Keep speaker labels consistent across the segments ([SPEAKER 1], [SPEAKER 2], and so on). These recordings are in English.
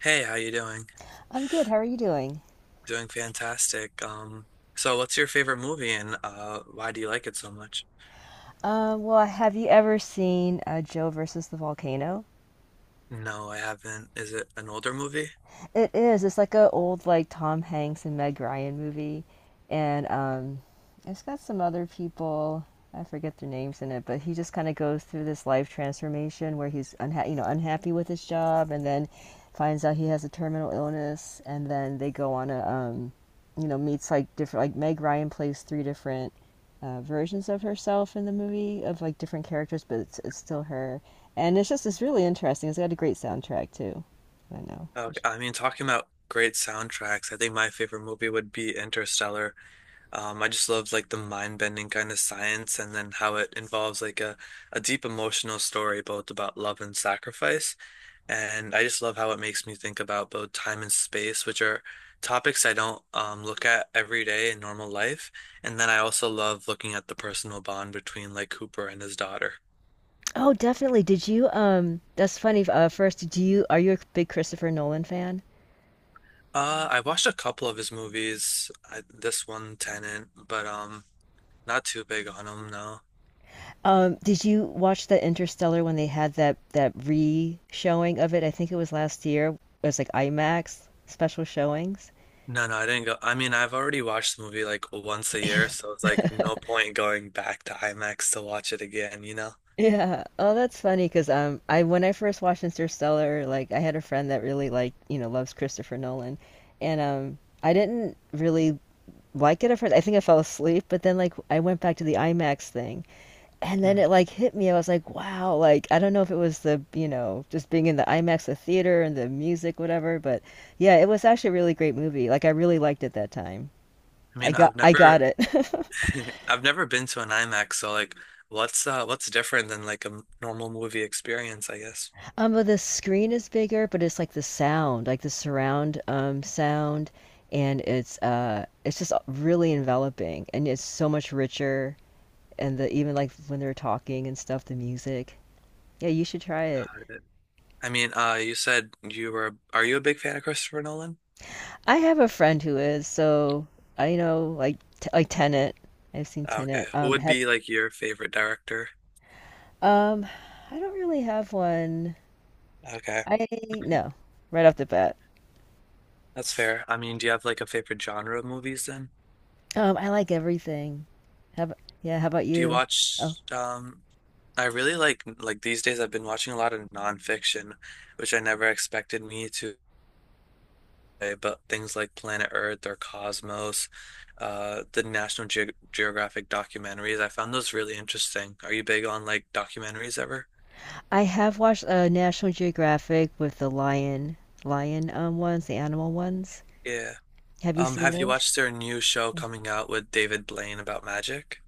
[SPEAKER 1] Hey, how you doing?
[SPEAKER 2] I'm good. How are you doing?
[SPEAKER 1] Doing fantastic. So what's your favorite movie and why do you like it so much?
[SPEAKER 2] Have you ever seen Joe versus the Volcano?
[SPEAKER 1] No, I haven't. Is it an older movie?
[SPEAKER 2] It is. It's like a old like Tom Hanks and Meg Ryan movie, and it's got some other people. I forget their names in it, but he just kind of goes through this life transformation where he's unhappy with his job, and then finds out he has a terminal illness, and then they go on a meets like different like Meg Ryan plays three different versions of herself in the movie of like different characters, but it's still her, and it's just it's really interesting. It's got a great soundtrack too. I know.
[SPEAKER 1] Okay, I mean, talking about great soundtracks, I think my favorite movie would be Interstellar. I just love like the mind-bending kind of science and then how it involves like a deep emotional story both about love and sacrifice. And I just love how it makes me think about both time and space, which are topics I don't look at every day in normal life. And then I also love looking at the personal bond between like Cooper and his daughter.
[SPEAKER 2] Oh, definitely. Did you that's funny. First, do you are you a big Christopher Nolan fan?
[SPEAKER 1] I watched a couple of his movies. I, this one, Tenant, but not too big on him, no.
[SPEAKER 2] Did you watch the Interstellar when they had that re-showing of it? I think it was last year. It was like IMAX special showings.
[SPEAKER 1] No, no, I didn't go. I mean, I've already watched the movie like once a year, so it's like no point going back to IMAX to watch it again, you know?
[SPEAKER 2] Yeah. Oh, that's funny because I when I first watched Interstellar, like I had a friend that really loves Christopher Nolan, and I didn't really like it at first. I think I fell asleep, but then like I went back to the IMAX thing, and then
[SPEAKER 1] Mm.
[SPEAKER 2] it like hit me. I was like, wow, like I don't know if it was just being in the IMAX, the theater and the music, whatever, but yeah, it was actually a really great movie. Like I really liked it that time.
[SPEAKER 1] I
[SPEAKER 2] I
[SPEAKER 1] mean,
[SPEAKER 2] got
[SPEAKER 1] I've
[SPEAKER 2] I
[SPEAKER 1] never
[SPEAKER 2] got it.
[SPEAKER 1] I've never been to an IMAX, so like, what's different than like a normal movie experience, I guess.
[SPEAKER 2] But the screen is bigger, but it's like the sound, like the surround sound, and it's just really enveloping and it's so much richer and the even like when they're talking and stuff, the music. Yeah, you should try it.
[SPEAKER 1] I mean, you said you were. Are you a big fan of Christopher Nolan?
[SPEAKER 2] I have a friend who is, so I know like Tenet. I've seen
[SPEAKER 1] Ah, okay,
[SPEAKER 2] Tenet.
[SPEAKER 1] who would
[SPEAKER 2] Have
[SPEAKER 1] be like your favorite director?
[SPEAKER 2] um, I don't really have one.
[SPEAKER 1] Okay,
[SPEAKER 2] I no, right off the bat.
[SPEAKER 1] that's fair. I mean, do you have like a favorite genre of movies then?
[SPEAKER 2] I like everything. How about
[SPEAKER 1] Do you
[SPEAKER 2] you? Oh,
[SPEAKER 1] watch? I really like these days. I've been watching a lot of nonfiction, which I never expected me to. Way, but things like Planet Earth or Cosmos, the National Ge Geographic documentaries, I found those really interesting. Are you big on like documentaries ever?
[SPEAKER 2] I have watched National Geographic with the lion ones, the animal ones.
[SPEAKER 1] Yeah.
[SPEAKER 2] Have you seen
[SPEAKER 1] Have you
[SPEAKER 2] those?
[SPEAKER 1] watched their new show coming out with David Blaine about magic?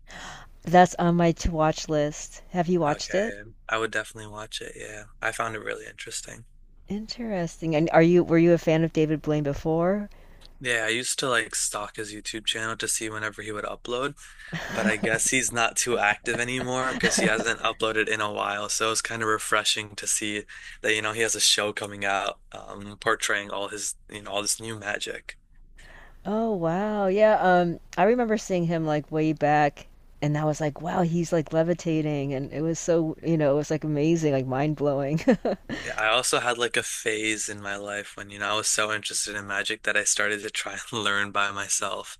[SPEAKER 2] That's on my to watch list. Have you watched it?
[SPEAKER 1] Okay, I would definitely watch it. Yeah, I found it really interesting.
[SPEAKER 2] Interesting. And are you were you a fan of David Blaine before?
[SPEAKER 1] Yeah, I used to like stalk his YouTube channel to see whenever he would upload, but I guess he's not too active anymore because he hasn't uploaded in a while. So it's kind of refreshing to see that, you know, he has a show coming out, portraying all his, you know, all this new magic.
[SPEAKER 2] Oh wow. Yeah, I remember seeing him like way back and I was like, wow, he's like levitating and it was so, it was like amazing, like mind-blowing.
[SPEAKER 1] Yeah, I also had like a phase in my life when, you know, I was so interested in magic that I started to try and learn by myself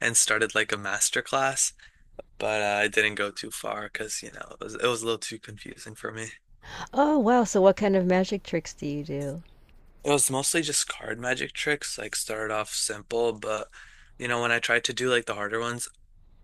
[SPEAKER 1] and started like a master class, but I didn't go too far because, you know, it was a little too confusing for me.
[SPEAKER 2] Oh wow, so what kind of magic tricks do you do?
[SPEAKER 1] It was mostly just card magic tricks, like started off simple, but you know, when I tried to do like the harder ones,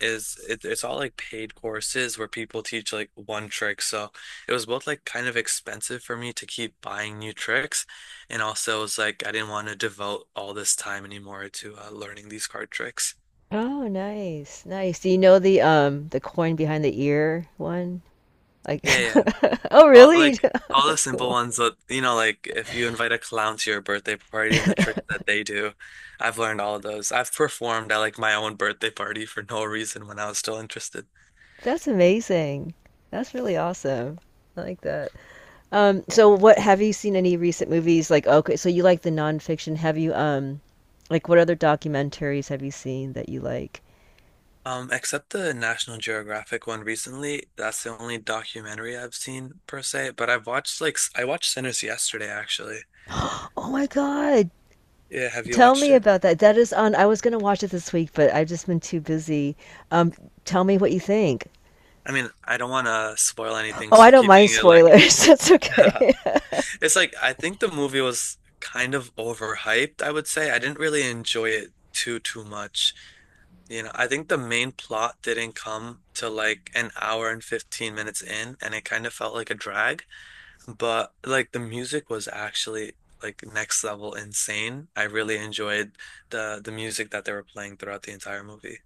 [SPEAKER 1] it's all like paid courses where people teach like one trick. So it was both like kind of expensive for me to keep buying new tricks, and also it was like I didn't want to devote all this time anymore to learning these card tricks.
[SPEAKER 2] Oh, nice. Nice. Do you know the coin behind the ear one? Like
[SPEAKER 1] Yeah, yeah.
[SPEAKER 2] Oh,
[SPEAKER 1] All
[SPEAKER 2] really?
[SPEAKER 1] like all the
[SPEAKER 2] That's
[SPEAKER 1] simple
[SPEAKER 2] cool.
[SPEAKER 1] ones that you know, like if you invite a clown to your birthday party and the tricks that they do, I've learned all of those. I've performed at like my own birthday party for no reason when I was still interested.
[SPEAKER 2] That's amazing. That's really awesome. I like that. So what have you seen any recent movies like okay, so you like the nonfiction. Have you like what other documentaries have you seen that you like?
[SPEAKER 1] Except the National Geographic one recently. That's the only documentary I've seen per se, but I've watched like I watched Sinners yesterday actually.
[SPEAKER 2] Oh my God.
[SPEAKER 1] Yeah, have you
[SPEAKER 2] Tell
[SPEAKER 1] watched
[SPEAKER 2] me
[SPEAKER 1] it?
[SPEAKER 2] about that. That is on I was gonna watch it this week, but I've just been too busy. Um, tell me what you think.
[SPEAKER 1] I mean, I don't want to spoil anything,
[SPEAKER 2] Oh, I
[SPEAKER 1] so
[SPEAKER 2] don't mind
[SPEAKER 1] keeping it like
[SPEAKER 2] spoilers. That's okay.
[SPEAKER 1] It's like I think the movie was kind of overhyped, I would say. I didn't really enjoy it too much. You know, I think the main plot didn't come to like an hour and 15 minutes in, and it kind of felt like a drag. But like the music was actually like next level insane. I really enjoyed the music that they were playing throughout the entire movie.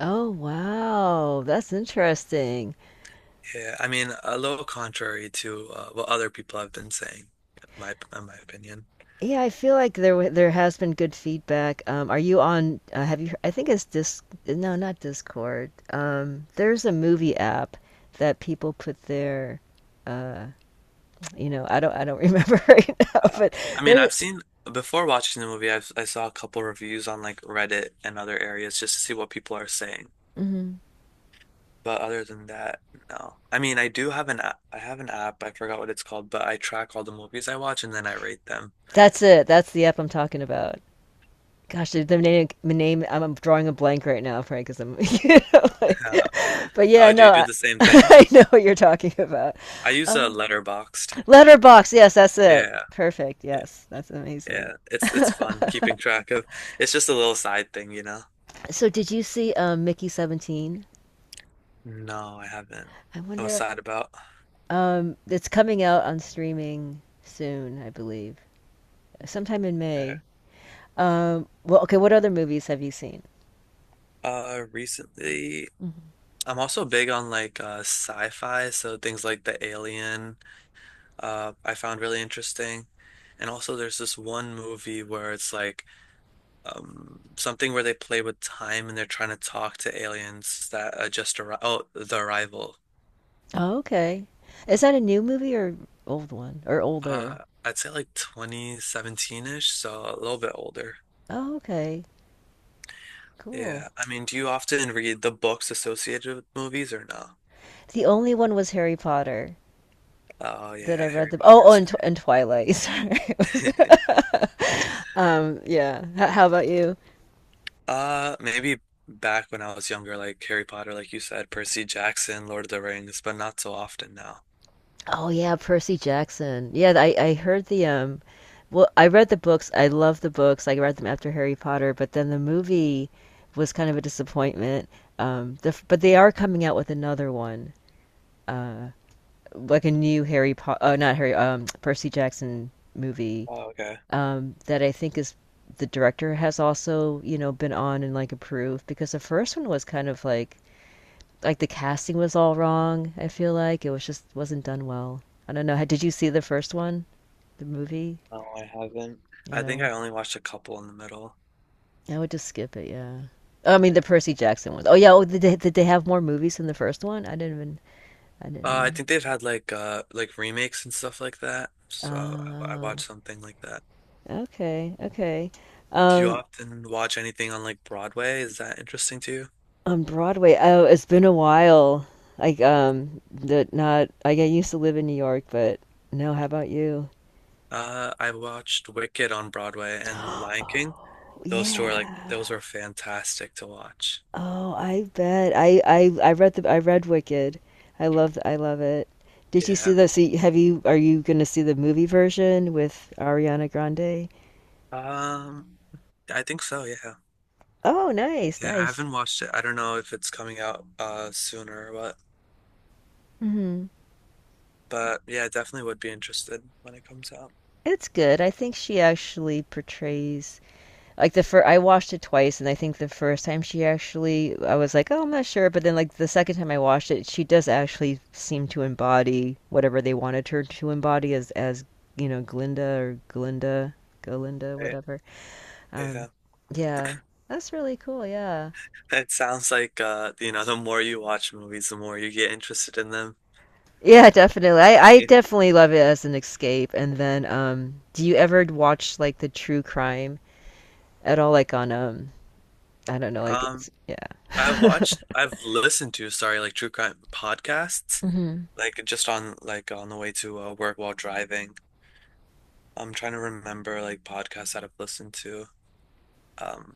[SPEAKER 2] Oh wow, that's interesting.
[SPEAKER 1] Yeah, I mean, a little contrary to what other people have been saying, in my opinion.
[SPEAKER 2] Yeah, I feel like there has been good feedback. Are you on? Have you? I think it's Dis. No, not Discord. There's a movie app that people put their. Uh, you know, I don't remember right now,
[SPEAKER 1] Uh,
[SPEAKER 2] but
[SPEAKER 1] I mean,
[SPEAKER 2] there's.
[SPEAKER 1] I've seen before watching the movie, I saw a couple reviews on like Reddit and other areas just to see what people are saying.
[SPEAKER 2] Mhm.
[SPEAKER 1] But other than that, no. I mean, I do have an app. I have an app. I forgot what it's called, but I track all the movies I watch and then I rate them.
[SPEAKER 2] That's it. That's the app I'm talking about. Gosh, the name, the name. I'm drawing a blank right now, Frank, because I'm. You know, like, but yeah,
[SPEAKER 1] Oh, do
[SPEAKER 2] no,
[SPEAKER 1] you do
[SPEAKER 2] I,
[SPEAKER 1] the same thing?
[SPEAKER 2] I know what you're talking about.
[SPEAKER 1] I use
[SPEAKER 2] Uh,
[SPEAKER 1] a Letterboxd.
[SPEAKER 2] Letterbox. Yes, that's it.
[SPEAKER 1] Yeah,
[SPEAKER 2] Perfect.
[SPEAKER 1] yeah,
[SPEAKER 2] Yes, that's amazing.
[SPEAKER 1] yeah. It's fun keeping track of. It's just a little side thing, you know.
[SPEAKER 2] So did you see Mickey 17?
[SPEAKER 1] No, I haven't.
[SPEAKER 2] I
[SPEAKER 1] What's
[SPEAKER 2] wonder.
[SPEAKER 1] that about?
[SPEAKER 2] It's coming out on streaming soon, I believe, sometime in
[SPEAKER 1] Okay.
[SPEAKER 2] May. Well, okay. What other movies have you seen?
[SPEAKER 1] Recently.
[SPEAKER 2] Mhm.
[SPEAKER 1] I'm also big on like sci-fi, so things like The Alien, I found really interesting. And also, there's this one movie where it's like something where they play with time and they're trying to talk to aliens that just arrived. Oh, The Arrival.
[SPEAKER 2] Oh, okay. Is that a new movie or old one or older?
[SPEAKER 1] Uh, I'd say like 2017-ish, so a little bit older.
[SPEAKER 2] Oh, okay. Cool.
[SPEAKER 1] Yeah, I mean, do you often read the books associated with movies or no?
[SPEAKER 2] The only one was Harry Potter
[SPEAKER 1] Oh
[SPEAKER 2] that
[SPEAKER 1] yeah,
[SPEAKER 2] I read
[SPEAKER 1] Harry
[SPEAKER 2] the.
[SPEAKER 1] Potter
[SPEAKER 2] Oh, oh,
[SPEAKER 1] is
[SPEAKER 2] and, Tw and Twilight. Sorry.
[SPEAKER 1] great.
[SPEAKER 2] Yeah. H how about you?
[SPEAKER 1] Maybe back when I was younger, like Harry Potter, like you said, Percy Jackson, Lord of the Rings, but not so often now.
[SPEAKER 2] Oh yeah, Percy Jackson. Yeah, I heard the well, I read the books. I love the books. I read them after Harry Potter, but then the movie was kind of a disappointment. But they are coming out with another one, uh, like a new Harry Potter, not Harry, Percy Jackson movie
[SPEAKER 1] Oh, okay.
[SPEAKER 2] that I think is the director has also, you know, been on and like approved because the first one was kind of like the casting was all wrong. I feel like it was just wasn't done well. I don't know. Did you see the first one, the movie?
[SPEAKER 1] No, I haven't. I think
[SPEAKER 2] Yeah,
[SPEAKER 1] I only watched a couple in the middle.
[SPEAKER 2] I would just skip it. Yeah, oh, I mean the Percy Jackson one. Oh yeah, oh, did they have more movies than the first one? I didn't even I
[SPEAKER 1] I
[SPEAKER 2] didn't
[SPEAKER 1] think they've had like remakes and stuff like that. So I
[SPEAKER 2] know.
[SPEAKER 1] watched something like that.
[SPEAKER 2] Oh, okay, okay.
[SPEAKER 1] Do you
[SPEAKER 2] Um,
[SPEAKER 1] often watch anything on like Broadway? Is that interesting to you?
[SPEAKER 2] on Broadway, oh, it's been a while. Like, that not. I get used to live in New York, but no. How about you?
[SPEAKER 1] I watched Wicked on Broadway and Lion King.
[SPEAKER 2] Oh,
[SPEAKER 1] Those two are like those
[SPEAKER 2] yeah.
[SPEAKER 1] were fantastic to watch.
[SPEAKER 2] Oh, I bet. I read Wicked. I love it. Did you see
[SPEAKER 1] Yeah.
[SPEAKER 2] the so you- have you are you going to see the movie version with Ariana Grande?
[SPEAKER 1] Um, I think so, yeah.
[SPEAKER 2] Oh, nice,
[SPEAKER 1] Yeah, I
[SPEAKER 2] nice.
[SPEAKER 1] haven't watched it. I don't know if it's coming out sooner or what,
[SPEAKER 2] Hmm.
[SPEAKER 1] but yeah, I definitely would be interested when it comes out.
[SPEAKER 2] It's good. I think she actually portrays like the first I watched it twice and I think the first time she actually I was like, "Oh, I'm not sure," but then like the second time I watched it, she does actually seem to embody whatever they wanted her to embody as you know, Glinda, Galinda,
[SPEAKER 1] Right?
[SPEAKER 2] whatever. Um,
[SPEAKER 1] Yeah.
[SPEAKER 2] yeah, that's really cool. Yeah.
[SPEAKER 1] It sounds like you know, the more you watch movies, the more you get interested in them.
[SPEAKER 2] Yeah, definitely. I definitely love it as an escape. And then, do you ever watch like the true crime at all? I don't know, like it's,
[SPEAKER 1] Um, I've
[SPEAKER 2] yeah.
[SPEAKER 1] watched, I've listened to, sorry, like true crime podcasts,
[SPEAKER 2] Hmm.
[SPEAKER 1] like just on like on the way to work while driving. I'm trying to remember like podcasts that I've listened to, um,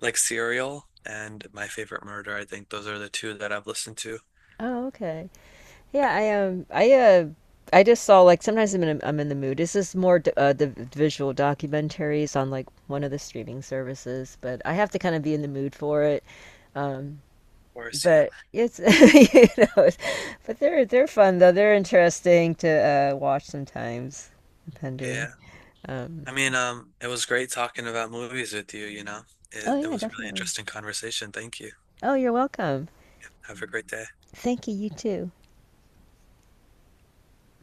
[SPEAKER 1] like Serial and My Favorite Murder. I think those are the two that I've listened to. Of
[SPEAKER 2] Oh, okay. Yeah, I just saw sometimes I'm in I'm in the mood. This is more the visual documentaries on like one of the streaming services, but I have to kind of be in the mood for it. Um,
[SPEAKER 1] course, yeah.
[SPEAKER 2] but it's you know, but they're fun though. They're interesting to watch sometimes, depending.
[SPEAKER 1] Yeah.
[SPEAKER 2] Um,
[SPEAKER 1] I mean, it was great talking about movies with you, you know.
[SPEAKER 2] oh
[SPEAKER 1] It
[SPEAKER 2] yeah,
[SPEAKER 1] was a really
[SPEAKER 2] definitely.
[SPEAKER 1] interesting conversation. Thank you.
[SPEAKER 2] Oh, you're welcome.
[SPEAKER 1] Have a great day.
[SPEAKER 2] Thank you. You too.